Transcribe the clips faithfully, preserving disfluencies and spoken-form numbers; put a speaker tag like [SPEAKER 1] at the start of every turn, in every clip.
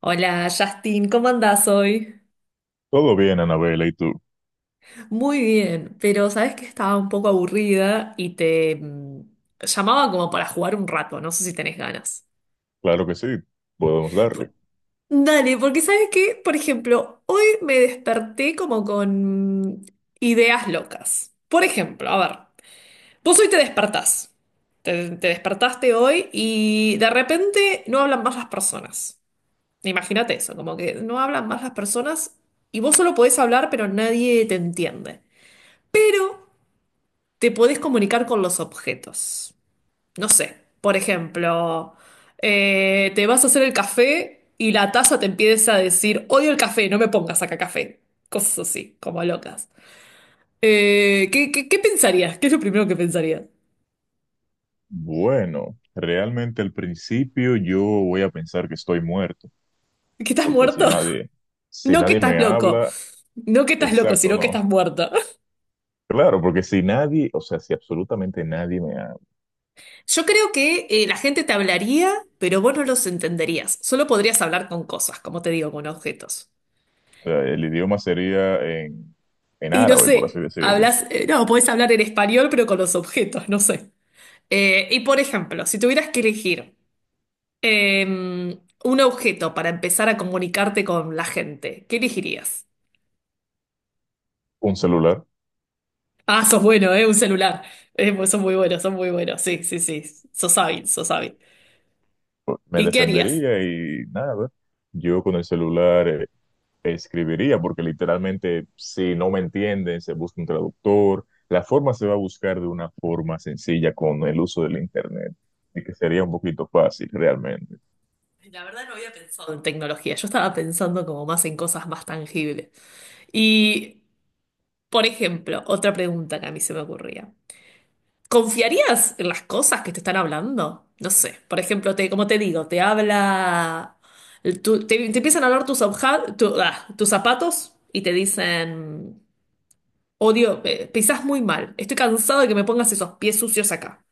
[SPEAKER 1] Hola Justin, ¿cómo andás hoy?
[SPEAKER 2] Todo bien, Anabela, ¿y tú?
[SPEAKER 1] Muy bien, pero sabes que estaba un poco aburrida y te mm, llamaba como para jugar un rato, no sé si tenés ganas.
[SPEAKER 2] Claro que sí, podemos
[SPEAKER 1] P-
[SPEAKER 2] darle.
[SPEAKER 1] Dale, porque sabes que, por ejemplo, hoy me desperté como con ideas locas. Por ejemplo, a ver, vos hoy te despertás, te, te despertaste hoy y de repente no hablan más las personas. Imagínate eso, como que no hablan más las personas y vos solo podés hablar, pero nadie te entiende. Pero te podés comunicar con los objetos. No sé, por ejemplo, eh, te vas a hacer el café y la taza te empieza a decir, odio el café, no me pongas acá café. Cosas así, como locas. Eh, ¿qué, qué, qué pensarías? ¿Qué es lo primero que pensarías?
[SPEAKER 2] Bueno, realmente al principio yo voy a pensar que estoy muerto,
[SPEAKER 1] ¿Que estás
[SPEAKER 2] porque si
[SPEAKER 1] muerto?
[SPEAKER 2] nadie, si
[SPEAKER 1] No que
[SPEAKER 2] nadie
[SPEAKER 1] estás
[SPEAKER 2] me
[SPEAKER 1] loco.
[SPEAKER 2] habla,
[SPEAKER 1] No que estás loco,
[SPEAKER 2] exacto,
[SPEAKER 1] sino que
[SPEAKER 2] no.
[SPEAKER 1] estás muerto.
[SPEAKER 2] Claro, porque si nadie, o sea, si absolutamente nadie me habla,
[SPEAKER 1] Yo creo que eh, la gente te hablaría, pero vos no los entenderías. Solo podrías hablar con cosas, como te digo, con objetos.
[SPEAKER 2] o sea, el idioma sería en, en
[SPEAKER 1] Y no
[SPEAKER 2] árabe, por así
[SPEAKER 1] sé,
[SPEAKER 2] decirlo.
[SPEAKER 1] hablas, eh, no, podés hablar en español, pero con los objetos, no sé. Eh, y por ejemplo, si tuvieras que elegir eh, un objeto para empezar a comunicarte con la gente, ¿qué elegirías?
[SPEAKER 2] Un celular,
[SPEAKER 1] Ah, sos bueno, ¿eh? Un celular. Eh, pues son muy buenos, son muy buenos. Sí, sí, sí. Sos hábil, sos hábil.
[SPEAKER 2] pues, me
[SPEAKER 1] ¿Y qué harías?
[SPEAKER 2] defendería y nada, yo con el celular escribiría, porque literalmente si no me entienden, se busca un traductor, la forma se va a buscar de una forma sencilla con el uso del Internet, y que sería un poquito fácil realmente.
[SPEAKER 1] La verdad no había pensado en tecnología. Yo estaba pensando como más en cosas más tangibles. Y, por ejemplo, otra pregunta que a mí se me ocurría. ¿Confiarías en las cosas que te están hablando? No sé, por ejemplo, te, como te digo, te habla, tu- te, te empiezan a hablar tus, obja- tu- ah, tus zapatos y te dicen, odio, eh, pisás muy mal, estoy cansado de que me pongas esos pies sucios acá.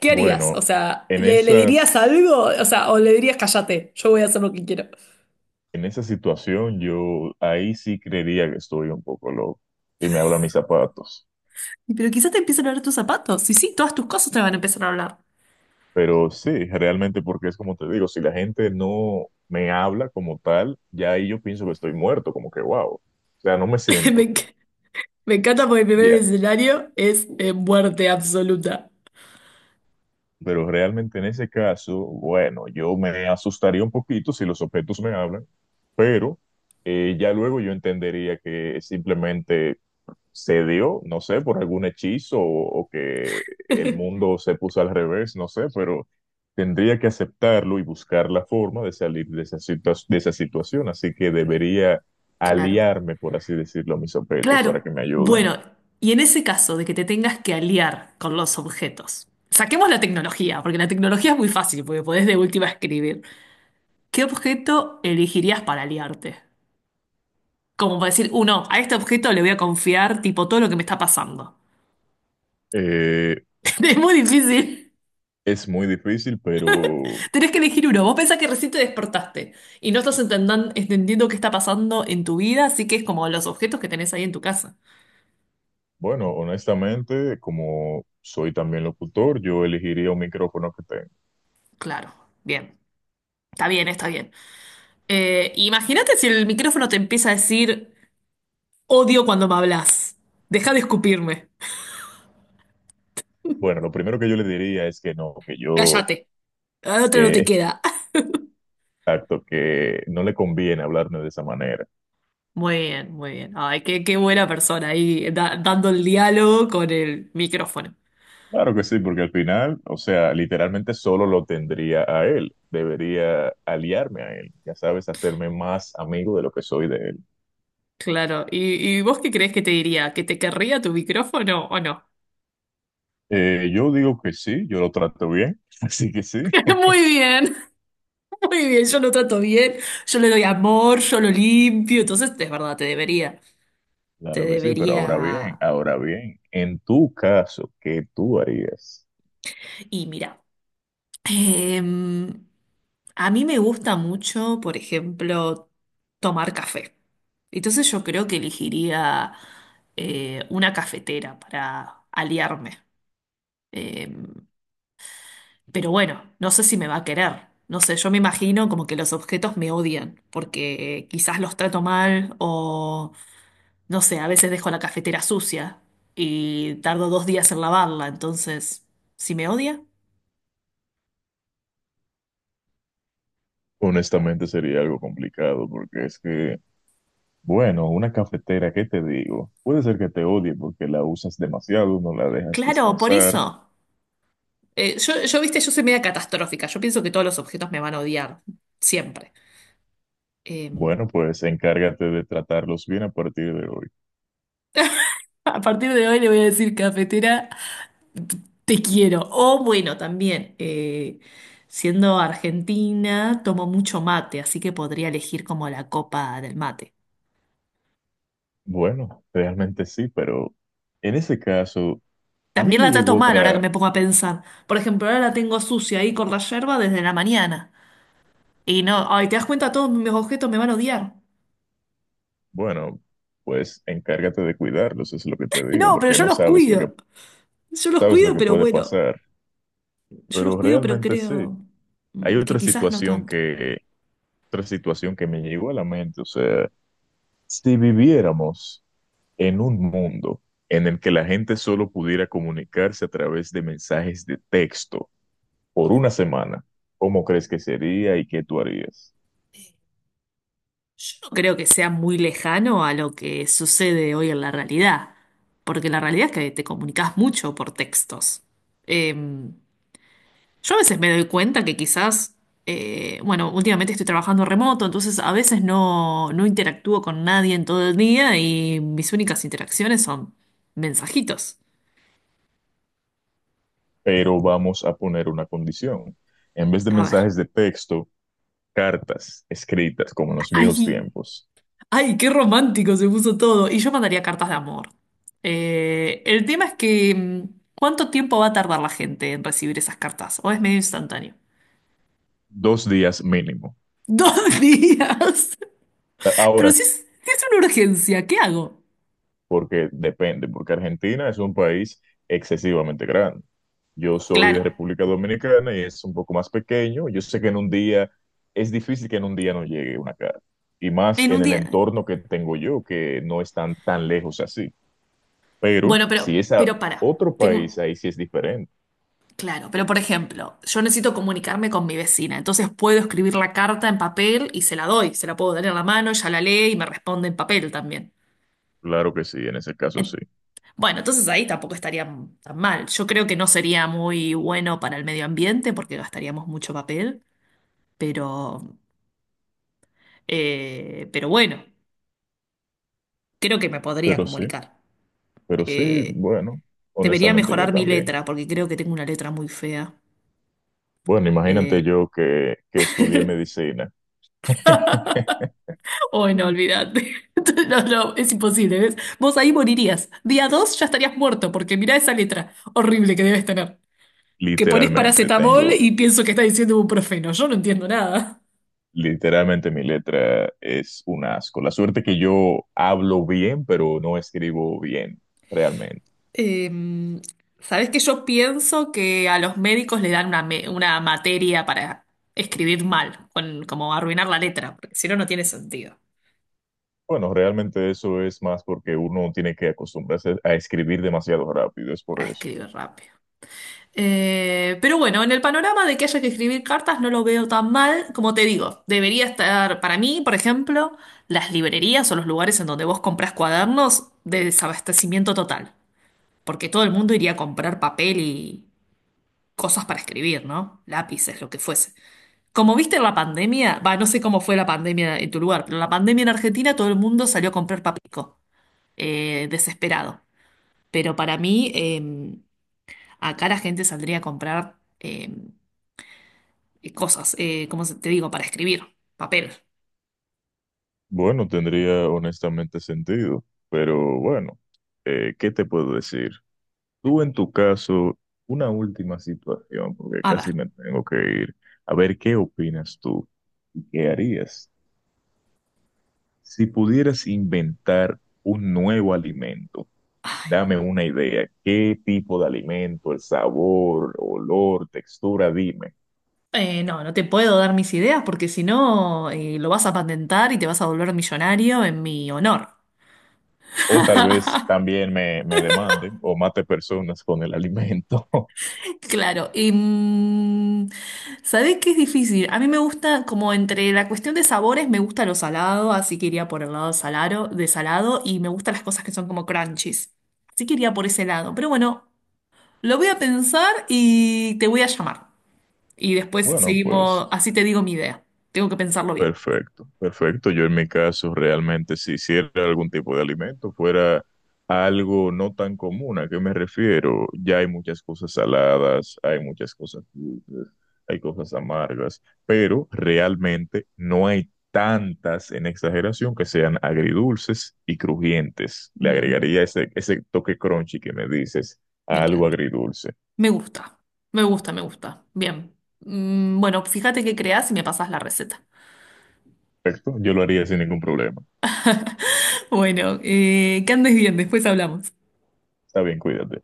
[SPEAKER 1] ¿Qué harías? O
[SPEAKER 2] Bueno,
[SPEAKER 1] sea,
[SPEAKER 2] en
[SPEAKER 1] ¿le, le dirías
[SPEAKER 2] esas,
[SPEAKER 1] algo? O sea, o le dirías, cállate, yo voy a hacer lo que quiero.
[SPEAKER 2] en esa situación yo ahí sí creería que estoy un poco loco y me hablan mis zapatos.
[SPEAKER 1] Pero quizás te empiezan a hablar tus zapatos. Y sí, todas tus cosas te van a empezar a hablar.
[SPEAKER 2] Pero sí, realmente porque es como te digo, si la gente no me habla como tal, ya ahí yo pienso que estoy muerto, como que wow. O sea, no me
[SPEAKER 1] Me,
[SPEAKER 2] siento.
[SPEAKER 1] enc- Me encanta porque el primer
[SPEAKER 2] Ya.
[SPEAKER 1] escenario es eh, muerte absoluta.
[SPEAKER 2] Pero realmente en ese caso, bueno, yo me asustaría un poquito si los objetos me hablan, pero eh, ya luego yo entendería que simplemente se dio, no sé, por algún hechizo o, o que el mundo se puso al revés, no sé, pero tendría que aceptarlo y buscar la forma de salir de esa situa- de esa situación. Así que debería
[SPEAKER 1] Claro.
[SPEAKER 2] aliarme, por así decirlo, a mis objetos para que
[SPEAKER 1] Claro.
[SPEAKER 2] me ayuden.
[SPEAKER 1] Bueno, y en ese caso de que te tengas que aliar con los objetos, saquemos la tecnología, porque la tecnología es muy fácil, porque podés de última escribir. ¿Qué objeto elegirías para aliarte? Como para decir, uno, a este objeto le voy a confiar, tipo, todo lo que me está pasando.
[SPEAKER 2] Eh,
[SPEAKER 1] Es muy difícil.
[SPEAKER 2] es muy difícil, pero...
[SPEAKER 1] Tenés que elegir uno. Vos pensás que recién te despertaste y no estás entendan- entendiendo qué está pasando en tu vida, así que es como los objetos que tenés ahí en tu casa.
[SPEAKER 2] Bueno, honestamente, como soy también locutor, yo elegiría un micrófono que tengo.
[SPEAKER 1] Claro, bien. Está bien, está bien. Eh, imagínate si el micrófono te empieza a decir, odio cuando me hablas. Deja de escupirme.
[SPEAKER 2] Bueno, lo primero que yo le diría es que no, que yo,
[SPEAKER 1] Cállate. La otra no te
[SPEAKER 2] que,
[SPEAKER 1] queda.
[SPEAKER 2] exacto, que no le conviene hablarme de esa manera.
[SPEAKER 1] Muy bien, muy bien. Ay, qué, qué buena persona ahí da- dando el diálogo con el micrófono.
[SPEAKER 2] Claro que sí, porque al final, o sea, literalmente solo lo tendría a él. Debería aliarme a él, ya sabes, hacerme más amigo de lo que soy de él.
[SPEAKER 1] Claro. ¿Y, y vos qué crees que te diría? ¿Que te querría tu micrófono o no?
[SPEAKER 2] Eh, yo digo que sí, yo lo trato bien, así que sí.
[SPEAKER 1] Muy bien, muy bien. Yo lo trato bien, yo le doy amor, yo lo limpio. Entonces, es verdad, te debería. Te
[SPEAKER 2] Claro que sí, pero ahora bien,
[SPEAKER 1] debería.
[SPEAKER 2] ahora bien, en tu caso, ¿qué tú harías?
[SPEAKER 1] Y mira. Em, a mí me gusta mucho, por ejemplo, tomar café. Entonces yo creo que elegiría eh, una cafetera para aliarme. Em, pero bueno, no sé si me va a querer. No sé, yo me imagino como que los objetos me odian, porque quizás los trato mal o, no sé, a veces dejo la cafetera sucia y tardo dos días en lavarla. Entonces, ¿si me odia?
[SPEAKER 2] Honestamente sería algo complicado porque es que, bueno, una cafetera, ¿qué te digo? Puede ser que te odie porque la usas demasiado, no la dejas
[SPEAKER 1] Claro, por
[SPEAKER 2] descansar.
[SPEAKER 1] eso. Eh, yo, yo, viste, yo soy media catastrófica. Yo pienso que todos los objetos me van a odiar, siempre. Eh,
[SPEAKER 2] Bueno, pues encárgate de tratarlos bien a partir de hoy.
[SPEAKER 1] A partir de hoy le voy a decir cafetera, te quiero. O bueno, también, eh, siendo argentina, tomo mucho mate, así que podría elegir como la copa del mate.
[SPEAKER 2] Bueno, realmente sí, pero en ese caso, a mí
[SPEAKER 1] También
[SPEAKER 2] me
[SPEAKER 1] la trato
[SPEAKER 2] llegó
[SPEAKER 1] mal ahora que
[SPEAKER 2] otra,
[SPEAKER 1] me pongo a pensar. Por ejemplo, ahora la tengo sucia ahí con la yerba desde la mañana. Y no, ay, ¿te das cuenta? Todos mis objetos me van a odiar.
[SPEAKER 2] bueno, pues encárgate de cuidarlos, es lo que te digo,
[SPEAKER 1] No, pero
[SPEAKER 2] porque
[SPEAKER 1] yo
[SPEAKER 2] no
[SPEAKER 1] los
[SPEAKER 2] sabes lo que,
[SPEAKER 1] cuido. Yo los
[SPEAKER 2] sabes lo
[SPEAKER 1] cuido,
[SPEAKER 2] que
[SPEAKER 1] pero
[SPEAKER 2] puede
[SPEAKER 1] bueno.
[SPEAKER 2] pasar.
[SPEAKER 1] Yo los
[SPEAKER 2] Pero
[SPEAKER 1] cuido, pero
[SPEAKER 2] realmente sí.
[SPEAKER 1] creo
[SPEAKER 2] Hay
[SPEAKER 1] mm, que
[SPEAKER 2] otra
[SPEAKER 1] quizás no
[SPEAKER 2] situación
[SPEAKER 1] tanto.
[SPEAKER 2] que, otra situación que me llegó a la mente, o sea. Si viviéramos en un mundo en el que la gente solo pudiera comunicarse a través de mensajes de texto por una semana, ¿cómo crees que sería y qué tú harías?
[SPEAKER 1] Yo no creo que sea muy lejano a lo que sucede hoy en la realidad, porque la realidad es que te comunicas mucho por textos. Eh, yo a veces me doy cuenta que quizás, eh, bueno, últimamente estoy trabajando remoto, entonces a veces no, no interactúo con nadie en todo el día y mis únicas interacciones son mensajitos.
[SPEAKER 2] Pero vamos a poner una condición. En vez de
[SPEAKER 1] A ver,
[SPEAKER 2] mensajes de texto, cartas escritas como en los viejos
[SPEAKER 1] ay,
[SPEAKER 2] tiempos,
[SPEAKER 1] ay, qué romántico se puso todo. Y yo mandaría cartas de amor. Eh, el tema es que, mm, ¿cuánto tiempo va a tardar la gente en recibir esas cartas? ¿O es medio instantáneo?
[SPEAKER 2] dos días mínimo.
[SPEAKER 1] Dos días. Pero
[SPEAKER 2] Ahora.
[SPEAKER 1] si es, si es una urgencia, ¿qué hago?
[SPEAKER 2] Porque depende, porque Argentina es un país excesivamente grande. Yo soy
[SPEAKER 1] Claro,
[SPEAKER 2] de República Dominicana y es un poco más pequeño. Yo sé que en un día es difícil que en un día no llegue una carta, y más
[SPEAKER 1] en un
[SPEAKER 2] en el
[SPEAKER 1] día.
[SPEAKER 2] entorno que tengo yo, que no están tan lejos así. Pero
[SPEAKER 1] Bueno, pero,
[SPEAKER 2] si es a
[SPEAKER 1] pero para.
[SPEAKER 2] otro país,
[SPEAKER 1] Tengo.
[SPEAKER 2] ahí sí es diferente.
[SPEAKER 1] Claro, pero por ejemplo, yo necesito comunicarme con mi vecina, entonces puedo escribir la carta en papel y se la doy, se la puedo dar en la mano, ella la lee y me responde en papel también.
[SPEAKER 2] Claro que sí, en ese caso sí.
[SPEAKER 1] Bueno, entonces ahí tampoco estaría tan mal. Yo creo que no sería muy bueno para el medio ambiente porque gastaríamos mucho papel, pero, eh, pero bueno, creo que me podría
[SPEAKER 2] Pero sí,
[SPEAKER 1] comunicar.
[SPEAKER 2] pero sí,
[SPEAKER 1] Eh,
[SPEAKER 2] bueno,
[SPEAKER 1] Debería
[SPEAKER 2] honestamente yo
[SPEAKER 1] mejorar mi
[SPEAKER 2] también.
[SPEAKER 1] letra porque creo que tengo una letra muy fea.
[SPEAKER 2] Bueno, imagínate
[SPEAKER 1] Eh,
[SPEAKER 2] yo que, que estudié medicina.
[SPEAKER 1] oh, no, olvídate. No, no, es imposible, ¿ves? Vos ahí morirías. Día dos ya estarías muerto porque mirá esa letra horrible que debes tener. Que pones
[SPEAKER 2] Literalmente,
[SPEAKER 1] paracetamol
[SPEAKER 2] tengo
[SPEAKER 1] y pienso que estás diciendo profeno. Yo no entiendo nada.
[SPEAKER 2] Literalmente mi letra es un asco. La suerte que yo hablo bien, pero no escribo bien, realmente.
[SPEAKER 1] Em, sabes que yo pienso que a los médicos le dan una, me- una materia para escribir mal, con, como arruinar la letra, porque si no, no tiene sentido
[SPEAKER 2] Bueno, realmente eso es más porque uno tiene que acostumbrarse a escribir demasiado rápido, es
[SPEAKER 1] a
[SPEAKER 2] por eso.
[SPEAKER 1] escribir rápido. Eh, pero bueno, en el panorama de que haya que escribir cartas no lo veo tan mal, como te digo, debería estar para mí, por ejemplo, las librerías o los lugares en donde vos comprás cuadernos de desabastecimiento total, porque todo el mundo iría a comprar papel y cosas para escribir, ¿no? Lápices, lo que fuese. Como viste en la pandemia, va, no sé cómo fue la pandemia en tu lugar, pero la pandemia en Argentina todo el mundo salió a comprar papico, eh, desesperado. Pero para mí, eh, acá la gente saldría a comprar eh, cosas, eh, ¿cómo se- te digo? Para escribir, papel.
[SPEAKER 2] Bueno, tendría honestamente sentido, pero bueno, eh, ¿qué te puedo decir? Tú en tu caso, una última situación, porque
[SPEAKER 1] A ver,
[SPEAKER 2] casi me tengo que ir. A ver, ¿qué opinas tú? ¿Y qué harías? Si pudieras inventar un nuevo alimento, dame una idea. ¿Qué tipo de alimento, el sabor, olor, textura? Dime.
[SPEAKER 1] eh, no, no te puedo dar mis ideas porque si no, eh, lo vas a patentar y te vas a volver millonario en mi honor.
[SPEAKER 2] O tal vez también me, me demanden o mate personas con el alimento.
[SPEAKER 1] Claro, y mm, ¿sabés qué es difícil? A mí me gusta, como entre la cuestión de sabores, me gusta lo salado, así que iría por el lado salado, de salado, y me gustan las cosas que son como crunchies. Así que iría por ese lado. Pero bueno, lo voy a pensar y te voy a llamar. Y después
[SPEAKER 2] Bueno, pues
[SPEAKER 1] seguimos, así te digo mi idea. Tengo que pensarlo bien.
[SPEAKER 2] perfecto, perfecto. Yo en mi caso realmente si hiciera algún tipo de alimento fuera algo no tan común. ¿A qué me refiero? Ya hay muchas cosas saladas, hay muchas cosas dulces, hay cosas amargas, pero realmente no hay tantas en exageración que sean agridulces y crujientes. Le
[SPEAKER 1] Mm,
[SPEAKER 2] agregaría ese, ese, toque crunchy que me dices
[SPEAKER 1] me
[SPEAKER 2] a algo
[SPEAKER 1] encanta.
[SPEAKER 2] agridulce.
[SPEAKER 1] Me gusta, me gusta, me gusta. Bien. Mm, bueno, fíjate qué creas y me pasas la receta.
[SPEAKER 2] Perfecto, yo lo haría sin ningún problema.
[SPEAKER 1] Bueno, eh, que andes bien, después hablamos.
[SPEAKER 2] Está bien, cuídate.